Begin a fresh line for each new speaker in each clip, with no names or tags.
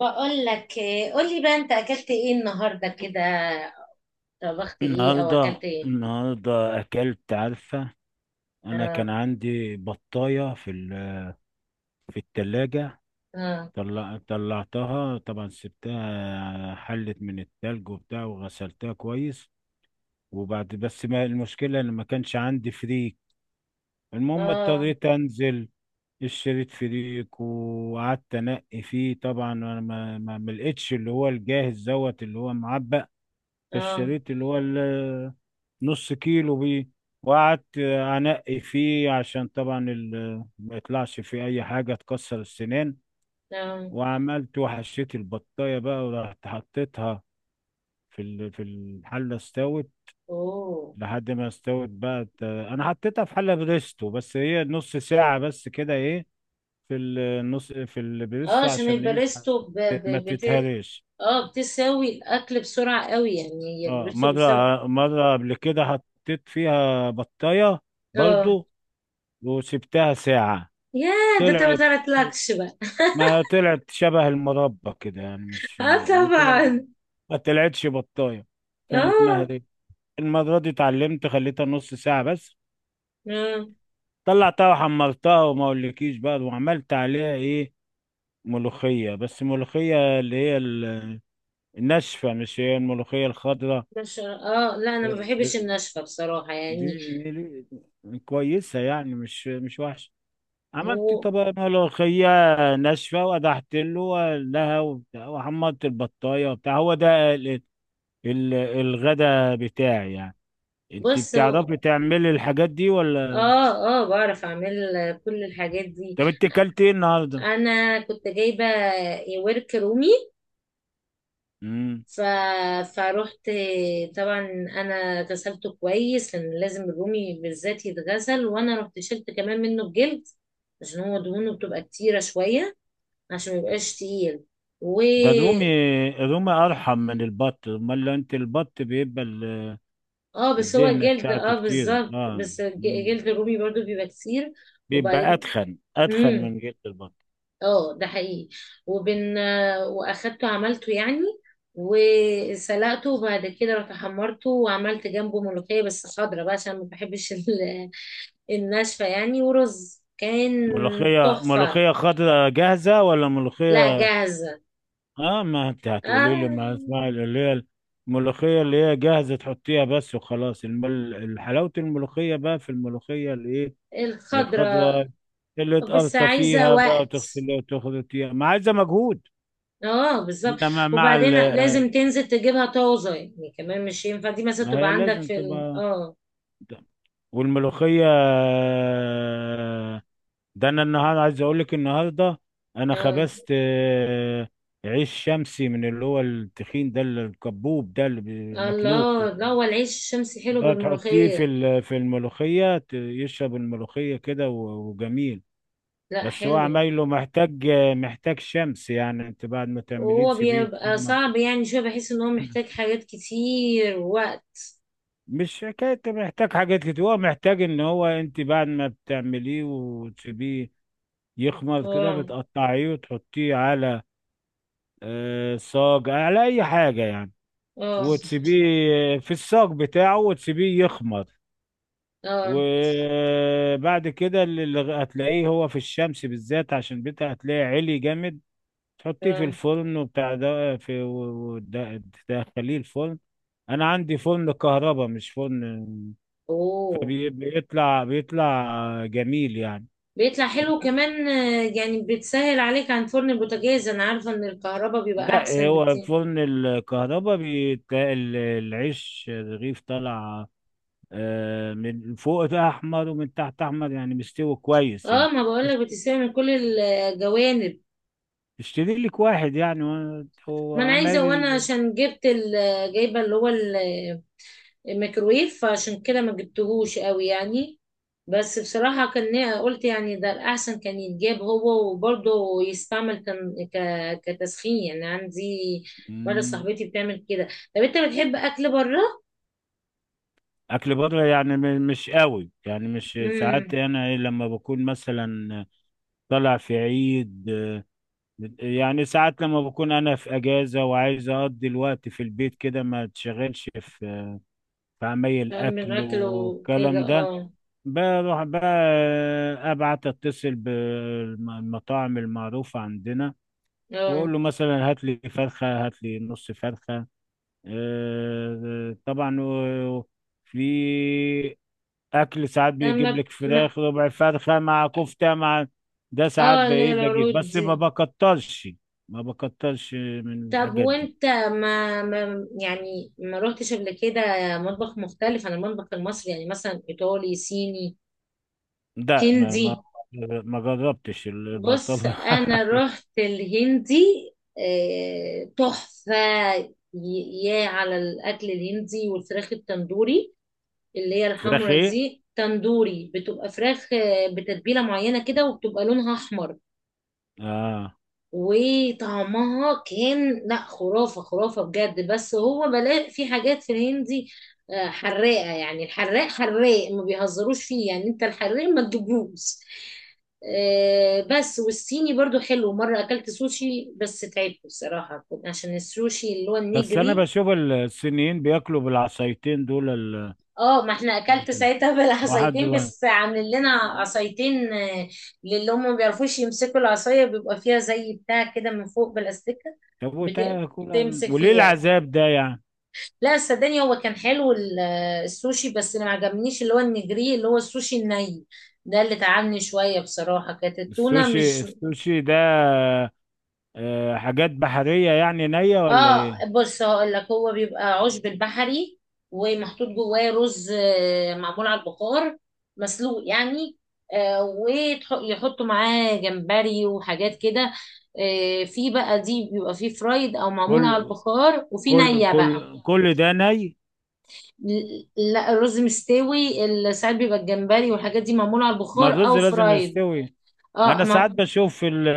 بقول لك إيه، قول لي بقى انت اكلت ايه النهارده كده. طبخت ايه او
النهارده
اكلت ايه؟
النهارده اكلت عارفه، انا
اه.
كان عندي بطايه في في التلاجة.
اه.
طلعتها طبعا، سبتها حلت من التلج وبتاع، وغسلتها كويس. بس ما المشكله ان ما كانش عندي فريك. المهم
اه.
اضطريت انزل، اشتريت فريك وقعدت انقي فيه. طبعا انا ما لقيتش اللي هو الجاهز دوت، اللي هو معبأ.
اه.
فاشتريت اللي هو نص كيلو بيه. وقعدت انقي فيه، عشان طبعا ما يطلعش فيه اي حاجه تكسر السنان.
اه.
وحشيت البطايه بقى، ورحت حطيتها في في الحله. استوت
اوه.
لحد ما استوت بقى، انا حطيتها في حله بريستو، بس هي نص ساعه بس كده. ايه في النص في
اه،
البريستو؟
عشان
عشان ايه؟
الباريستو
ما تتهريش.
اه، بتساوي الاكل بسرعه قوي، يعني هي
اه،
الباريستو
مرة
بتساوي.
مرة قبل كده حطيت فيها بطاية
اه.
برضو وسبتها ساعة.
يا، ده انت ما
طلعت،
طلعتلكش بقى؟
ما طلعت شبه المربى كده يعني، مش
اه
ما طلعت،
طبعا.
ما طلعتش بطاية، كانت
اه.
مهرية. المرة دي اتعلمت، خليتها نص ساعة بس.
اه
طلعتها وحمرتها، وما اقولكيش بقى وعملت عليها ايه؟ ملوخية، بس ملوخية اللي هي الناشفة، مش هي الملوخية الخضراء.
مش اه، لا انا ما بحبش
دي
الناشفه بصراحه يعني.
دي- دي كويسة يعني، مش وحشة. عملت
هو.
طبقة ملوخية ناشفة وقدحت لها وبتاع، وحمرت البطاية وبتاع. هو ده الغدا بتاعي يعني. انت
بص.
بتعرفي تعملي الحاجات دي ولا؟
اه. اه، بعرف اعمل كل الحاجات دي.
طب انت كلتي ايه النهارده؟
انا كنت جايبه ورك رومي.
امم.
ف... فروحت طبعا، انا غسلته كويس لان لازم الرومي بالذات يتغسل، وانا رحت شلت كمان منه الجلد عشان هو دهونه بتبقى كتيره شويه، عشان ما يبقاش تقيل. و...
ده الرومي ارحم من البط. امال لو انت البط بيبقى
اه بس هو
الدهنة
جلد،
بتاعته
اه
كتير،
بالظبط،
اه.
بس
مم.
جلد الرومي برضو بيبقى كتير.
بيبقى
وبعدين
اتخن اتخن
مم.
من جلد البط.
اه ده حقيقي. وبن، واخدته عملته يعني، وسلقته، وبعد كده رحت حمرته، وعملت جنبه ملوخية بس خضرة بقى عشان ما بحبش الناشفة يعني، ورز كان
ملوخية
تحفة.
ملوخية خضراء جاهزة ولا
لا
ملوخية؟
جاهزة.
اه، ما انت هتقولي لي ما
آه
اسمع. اللي هي الملوخيه اللي هي جاهزه تحطيها بس وخلاص. حلاوه الملوخيه بقى في الملوخيه اللي ايه؟
الخضرة.
الخضراء، اللي
بس
تقرطفيها
عايزة
فيها بقى
وقت.
وتغسليها وتخلطيها، ما عايزه مجهود.
اه بالظبط.
انما مع ال
وبعدين
آه،
لازم تنزل تجيبها طازة يعني، كمان مش ينفع دي مثلا
ما
تبقى
هي
عندك
لازم
في
تبقى.
اه.
والملوخيه ده انا النهارده عايز اقول لك، النهارده انا
اه.
خبزت عيش شمسي من اللي هو التخين ده، الكبوب ده اللي
آه،
بناكلوه.
الله، لا هو العيش الشمسي حلو
ده تحطيه في
بالملوخية.
في الملوخية، يشرب الملوخية كده وجميل.
لا
بس هو
حلو.
عمايله محتاج شمس يعني. انت بعد ما تعمليه
وهو
تسيبيه
بيبقى
يتخمر.
صعب يعني، شوية بحس ان هو محتاج حاجات كتير وقت.
مش حكاية محتاج حاجات كتير، هو محتاج ان هو انت بعد ما بتعمليه وتسيبيه يخمر كده
اه.
بتقطعيه وتحطيه على صاج، على اي حاجة يعني،
اه.
وتسيبيه في الصاج بتاعه وتسيبيه يخمر.
اه.
وبعد كده اللي هتلاقيه، هو في الشمس بالذات عشان بيتها، هتلاقيه عالي جامد. تحطيه في
اه.
الفرن وبتاع ده، في تدخليه الفرن. انا عندي فرن كهرباء، مش فرن.
اوه.
فبيطلع، بيطلع جميل يعني.
بيطلع حلو كمان آه، يعني بتسهل عليك عن فرن البوتاجاز. انا عارفة ان الكهرباء بيبقى
ده
احسن
هو
بكتير.
فرن الكهرباء، بيتلاقي العيش الرغيف طالع من فوق ده احمر ومن تحت احمر يعني، مستوي كويس
اه،
يعني.
ما بقولك بتسهل من كل الجوانب.
اشتري لك واحد يعني
ما انا
وعمال
عايزة، وانا عشان جبت جايبة اللي هو ميكروويف، فعشان كده ما جبتهوش قوي يعني. بس بصراحة كان قلت يعني ده الأحسن، كان يتجاب هو وبرضه يستعمل كان كتسخين يعني عندي. مرة
مم.
صاحبتي بتعمل كده. طب أنت بتحب أكل بره؟
اكل بره يعني، مش قوي يعني، مش ساعات.
امم.
انا إيه لما بكون مثلا طالع في عيد، يعني ساعات لما بكون انا في اجازه وعايز اقضي الوقت في البيت كده، ما تشغلش في عمايل
من
اكل
أكله كده
والكلام ده.
اه.
بروح بقى، اتصل بالمطاعم المعروفه عندنا،
اه.
واقول له مثلا هات لي فرخه، هات لي نص فرخه طبعا. في اكل ساعات بيجيب
لما
لك
ما.
فراخ، ربع فرخه مع كفته مع، ده ساعات
اه، اللي هي
بايه بجيب
العروض
بس ما
دي.
بكترش ما بكترش من
طب
الحاجات دي.
وانت ما يعني ما روحتش قبل كده مطبخ مختلف عن المطبخ المصري يعني؟ مثلا ايطالي، صيني،
ده
هندي.
ما جربتش
بص
المطبخ
انا رحت الهندي. آه، تحفة. يا على الاكل الهندي والفراخ التندوري، اللي هي
فراخ
الحمرا
ايه؟
دي تندوري. بتبقى فراخ آه، بتتبيلة معينة كده، وبتبقى لونها احمر.
اه.
وطعمها كان، لا، خرافة خرافة بجد. بس هو بلاقي في حاجات في الهندي آه، حراقة يعني. الحراق حراق ما بيهزروش فيه يعني، انت الحراق ما تجيبوش آه. بس والصيني برضو حلو. مرة أكلت سوشي بس تعبت بصراحة، عشان السوشي اللي هو
بس انا
النيجري.
بشوف الصينيين بياكلوا بالعصايتين دول
اه ما احنا اكلت ساعتها
واحد
بالعصايتين، بس عاملين لنا عصايتين آه، للي هم ما بيعرفوش يمسكوا العصايه بيبقى فيها زي بتاع كده من فوق بالاستيكه.
طب
بت-
وتاكل
تمسك
وليه
فيها.
العذاب ده يعني؟
لا صدقني هو كان حلو آه، السوشي. بس اللي ما عجبنيش اللي هو النجري، اللي هو السوشي الني، ده اللي تعبني شويه بصراحه. كانت التونه
السوشي
مش.
السوشي ده حاجات بحرية يعني، نية ولا
اه
ايه؟
بص هقول لك، هو بيبقى عشب البحري، ومحطوط جواه رز آه، معمول على البخار، مسلوق يعني. آه، ويحطوا معاه جمبري وحاجات كده. آه، في بقى دي بيبقى فيه فرايد او معمول على
كل
البخار، وفي
كل
نية بقى.
كل كل ده ني؟
لا الرز مستوي، ساعات بيبقى الجمبري والحاجات دي معمولة على
ما
البخار او
الرز لازم
فرايد.
يستوي.
اه
انا ساعات بشوف في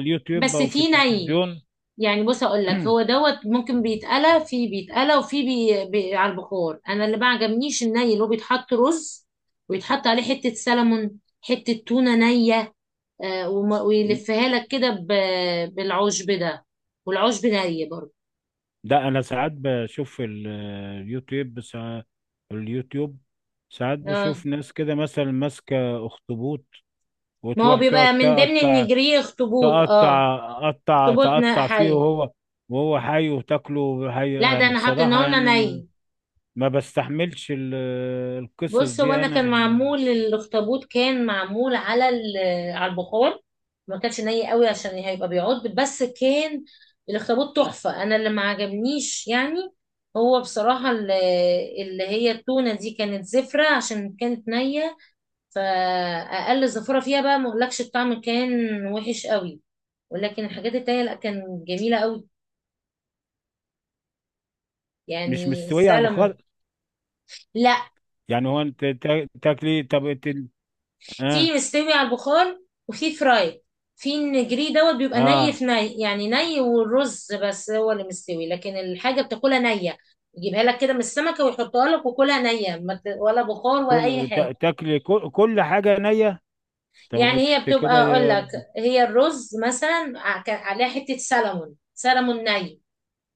اليوتيوب
بس
او في
في ني
التلفزيون.
يعني. بص اقول لك، هو دوت ممكن بيتقلى، في بيتقلى، وفي على البخار. انا اللي ما عجبنيش الني، اللي هو بيتحط رز ويتحط عليه حته سلمون حته تونه نيه، آه ويلفها لك كده ب... بالعشب ده، والعشب ني برضه.
ده انا ساعات بشوف في اليوتيوب، ساعات اليوتيوب، ساعات
آه.
بشوف ناس كده مثلا ماسكة اخطبوط،
ما هو
وتروح تقعد
بيبقى من ضمن
تقطع،
النجريه اخطبوط، اه.
تقطع قطع
اخطبوط
تقطع فيه،
حي.
وهو حي، وتاكله حي
لا ده
يعني
انا
بصراحة
حاطينه لنا
يعني.
ني.
ما بستحملش القصص
بص هو
دي
انا
انا
كان
يعني.
معمول الاخطبوط، كان معمول على على البخار، ما كانش ني قوي، عشان هيبقى بيعض. بس كان الاخطبوط تحفة. انا اللي ما عجبنيش يعني، هو بصراحة اللي هي التونة دي كانت زفرة عشان كانت نية، فأقل زفرة فيها بقى، ما اقولكش الطعم كان وحش قوي. ولكن الحاجات التانية لا، كان جميلة قوي،
مش
يعني
مستويه على البخار
السلمون. لا.
يعني، هو انت تاكلي؟ طب اه،
في مستوي على البخار، وفي فراي. في النجري دوت بيبقى ني،
اه.
في ني يعني، ني والرز بس هو اللي مستوي، لكن الحاجة بتاكلها نية. يجيبها لك كده من السمكة ويحطها لك، وكلها نية، ما ت- ولا بخار ولا أي
كل
حاجة.
تاكلي كل حاجه نيه؟ طب
يعني هي
انت
بتبقى،
كده،
أقول لك، هي الرز مثلا كان عليها حتة سلمون، سلمون ني،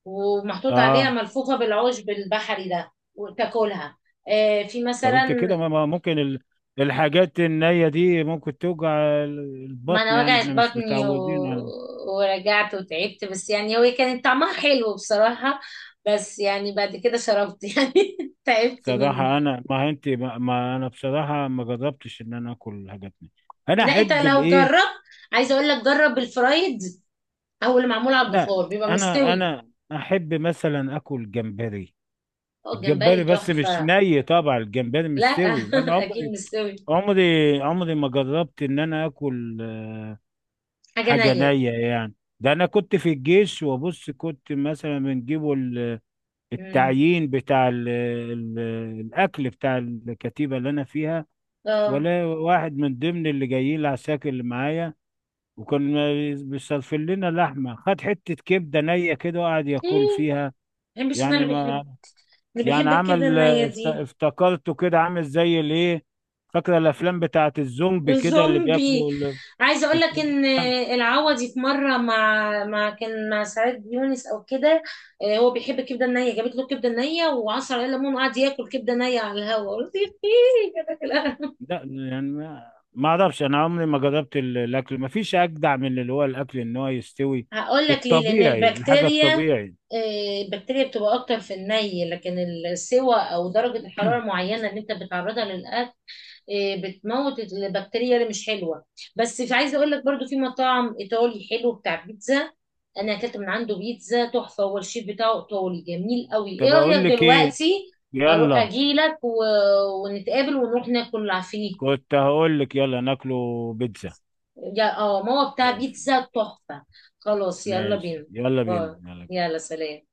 ومحطوط عليها
اه.
ملفوفة بالعشب البحري ده، وتاكلها. آه، في
طب انت
مثلا.
كده ما ممكن الحاجات النيه دي ممكن توجع
ما
البطن
انا
يعني،
وجعت
احنا مش
بطني
متعودين على.
ورجعت وتعبت، بس يعني هو كانت طعمها حلو بصراحة. بس يعني بعد كده شربت يعني تعبت منه.
بصراحه انا ما انت ما, ما انا بصراحه ما جربتش ان انا اكل حاجات نيه. انا
لا انت
احب
لو
الايه.
جربت، عايزة اقول لك، جرب الفرايد او اللي معمول على
لا،
البخار بيبقى
انا
مستوي.
انا احب مثلا اكل جمبري.
اه الجمبري
الجمبري بس مش
تحفة.
ني طبعا، الجمبري
لا
مش سوي. انا
اكيد
عمري
مستوي.
عمري عمري ما جربت ان انا اكل
حاجة
حاجه
نية.
نيه يعني. ده انا كنت في الجيش وبص، كنت مثلا بنجيبوا
مم.
التعيين بتاع ال الاكل بتاع الكتيبه اللي انا فيها.
اه.
ولا واحد من ضمن اللي جايين العساكر اللي معايا، وكان بيصرف لنا لحمه، خد حته كبده نيه كده وقعد
ايه،
ياكل فيها.
ما بحبش. انا اللي
يعني ما
بيحب، اللي
يعني
بيحب كده
عمل،
النية دي.
افتكرته كده عامل زي الايه، فاكره الافلام بتاعت الزومبي كده اللي
زومبي.
بياكلوا
عايزه اقول لك
الك-
ان العوضي في مره، مع كان مع سعاد يونس او كده، آه، هو بيحب الكبده النيه، جابت له كبده نيه وعصر عليه ليمون، وقعد ياكل كبده نيه على الهواء. قلت ايه كده في القهوة.
لا يعني، ما اعرفش. انا عمري ما جربت الاكل. ما فيش اجدع من اللي هو الاكل ان هو يستوي
هقول لك ليه، لان
الطبيعي، الحاجه
البكتيريا
الطبيعي.
آه، البكتيريا بتبقى اكتر في الني، لكن السوى او درجه الحراره معينه اللي انت بتعرضها للاكل إيه، بتموت البكتيريا اللي مش حلوه. بس في، عايزه اقول لك برضو، في مطعم ايطالي حلو بتاع بيتزا، انا اكلت من عنده بيتزا تحفه. هو الشيف بتاعه ايطالي جميل قوي. ايه
طب
رايك
اقول لك ايه؟
دلوقتي
يلا.
اجي لك ونتقابل ونروح ناكل فيه؟
كنت هقول لك يلا ناكله بيتزا.
اه ما هو بتاع
ماشي،
بيتزا تحفه. خلاص يلا
ماشي،
بينا.
يلا بينا،
آه،
يلا.
يلا سلام.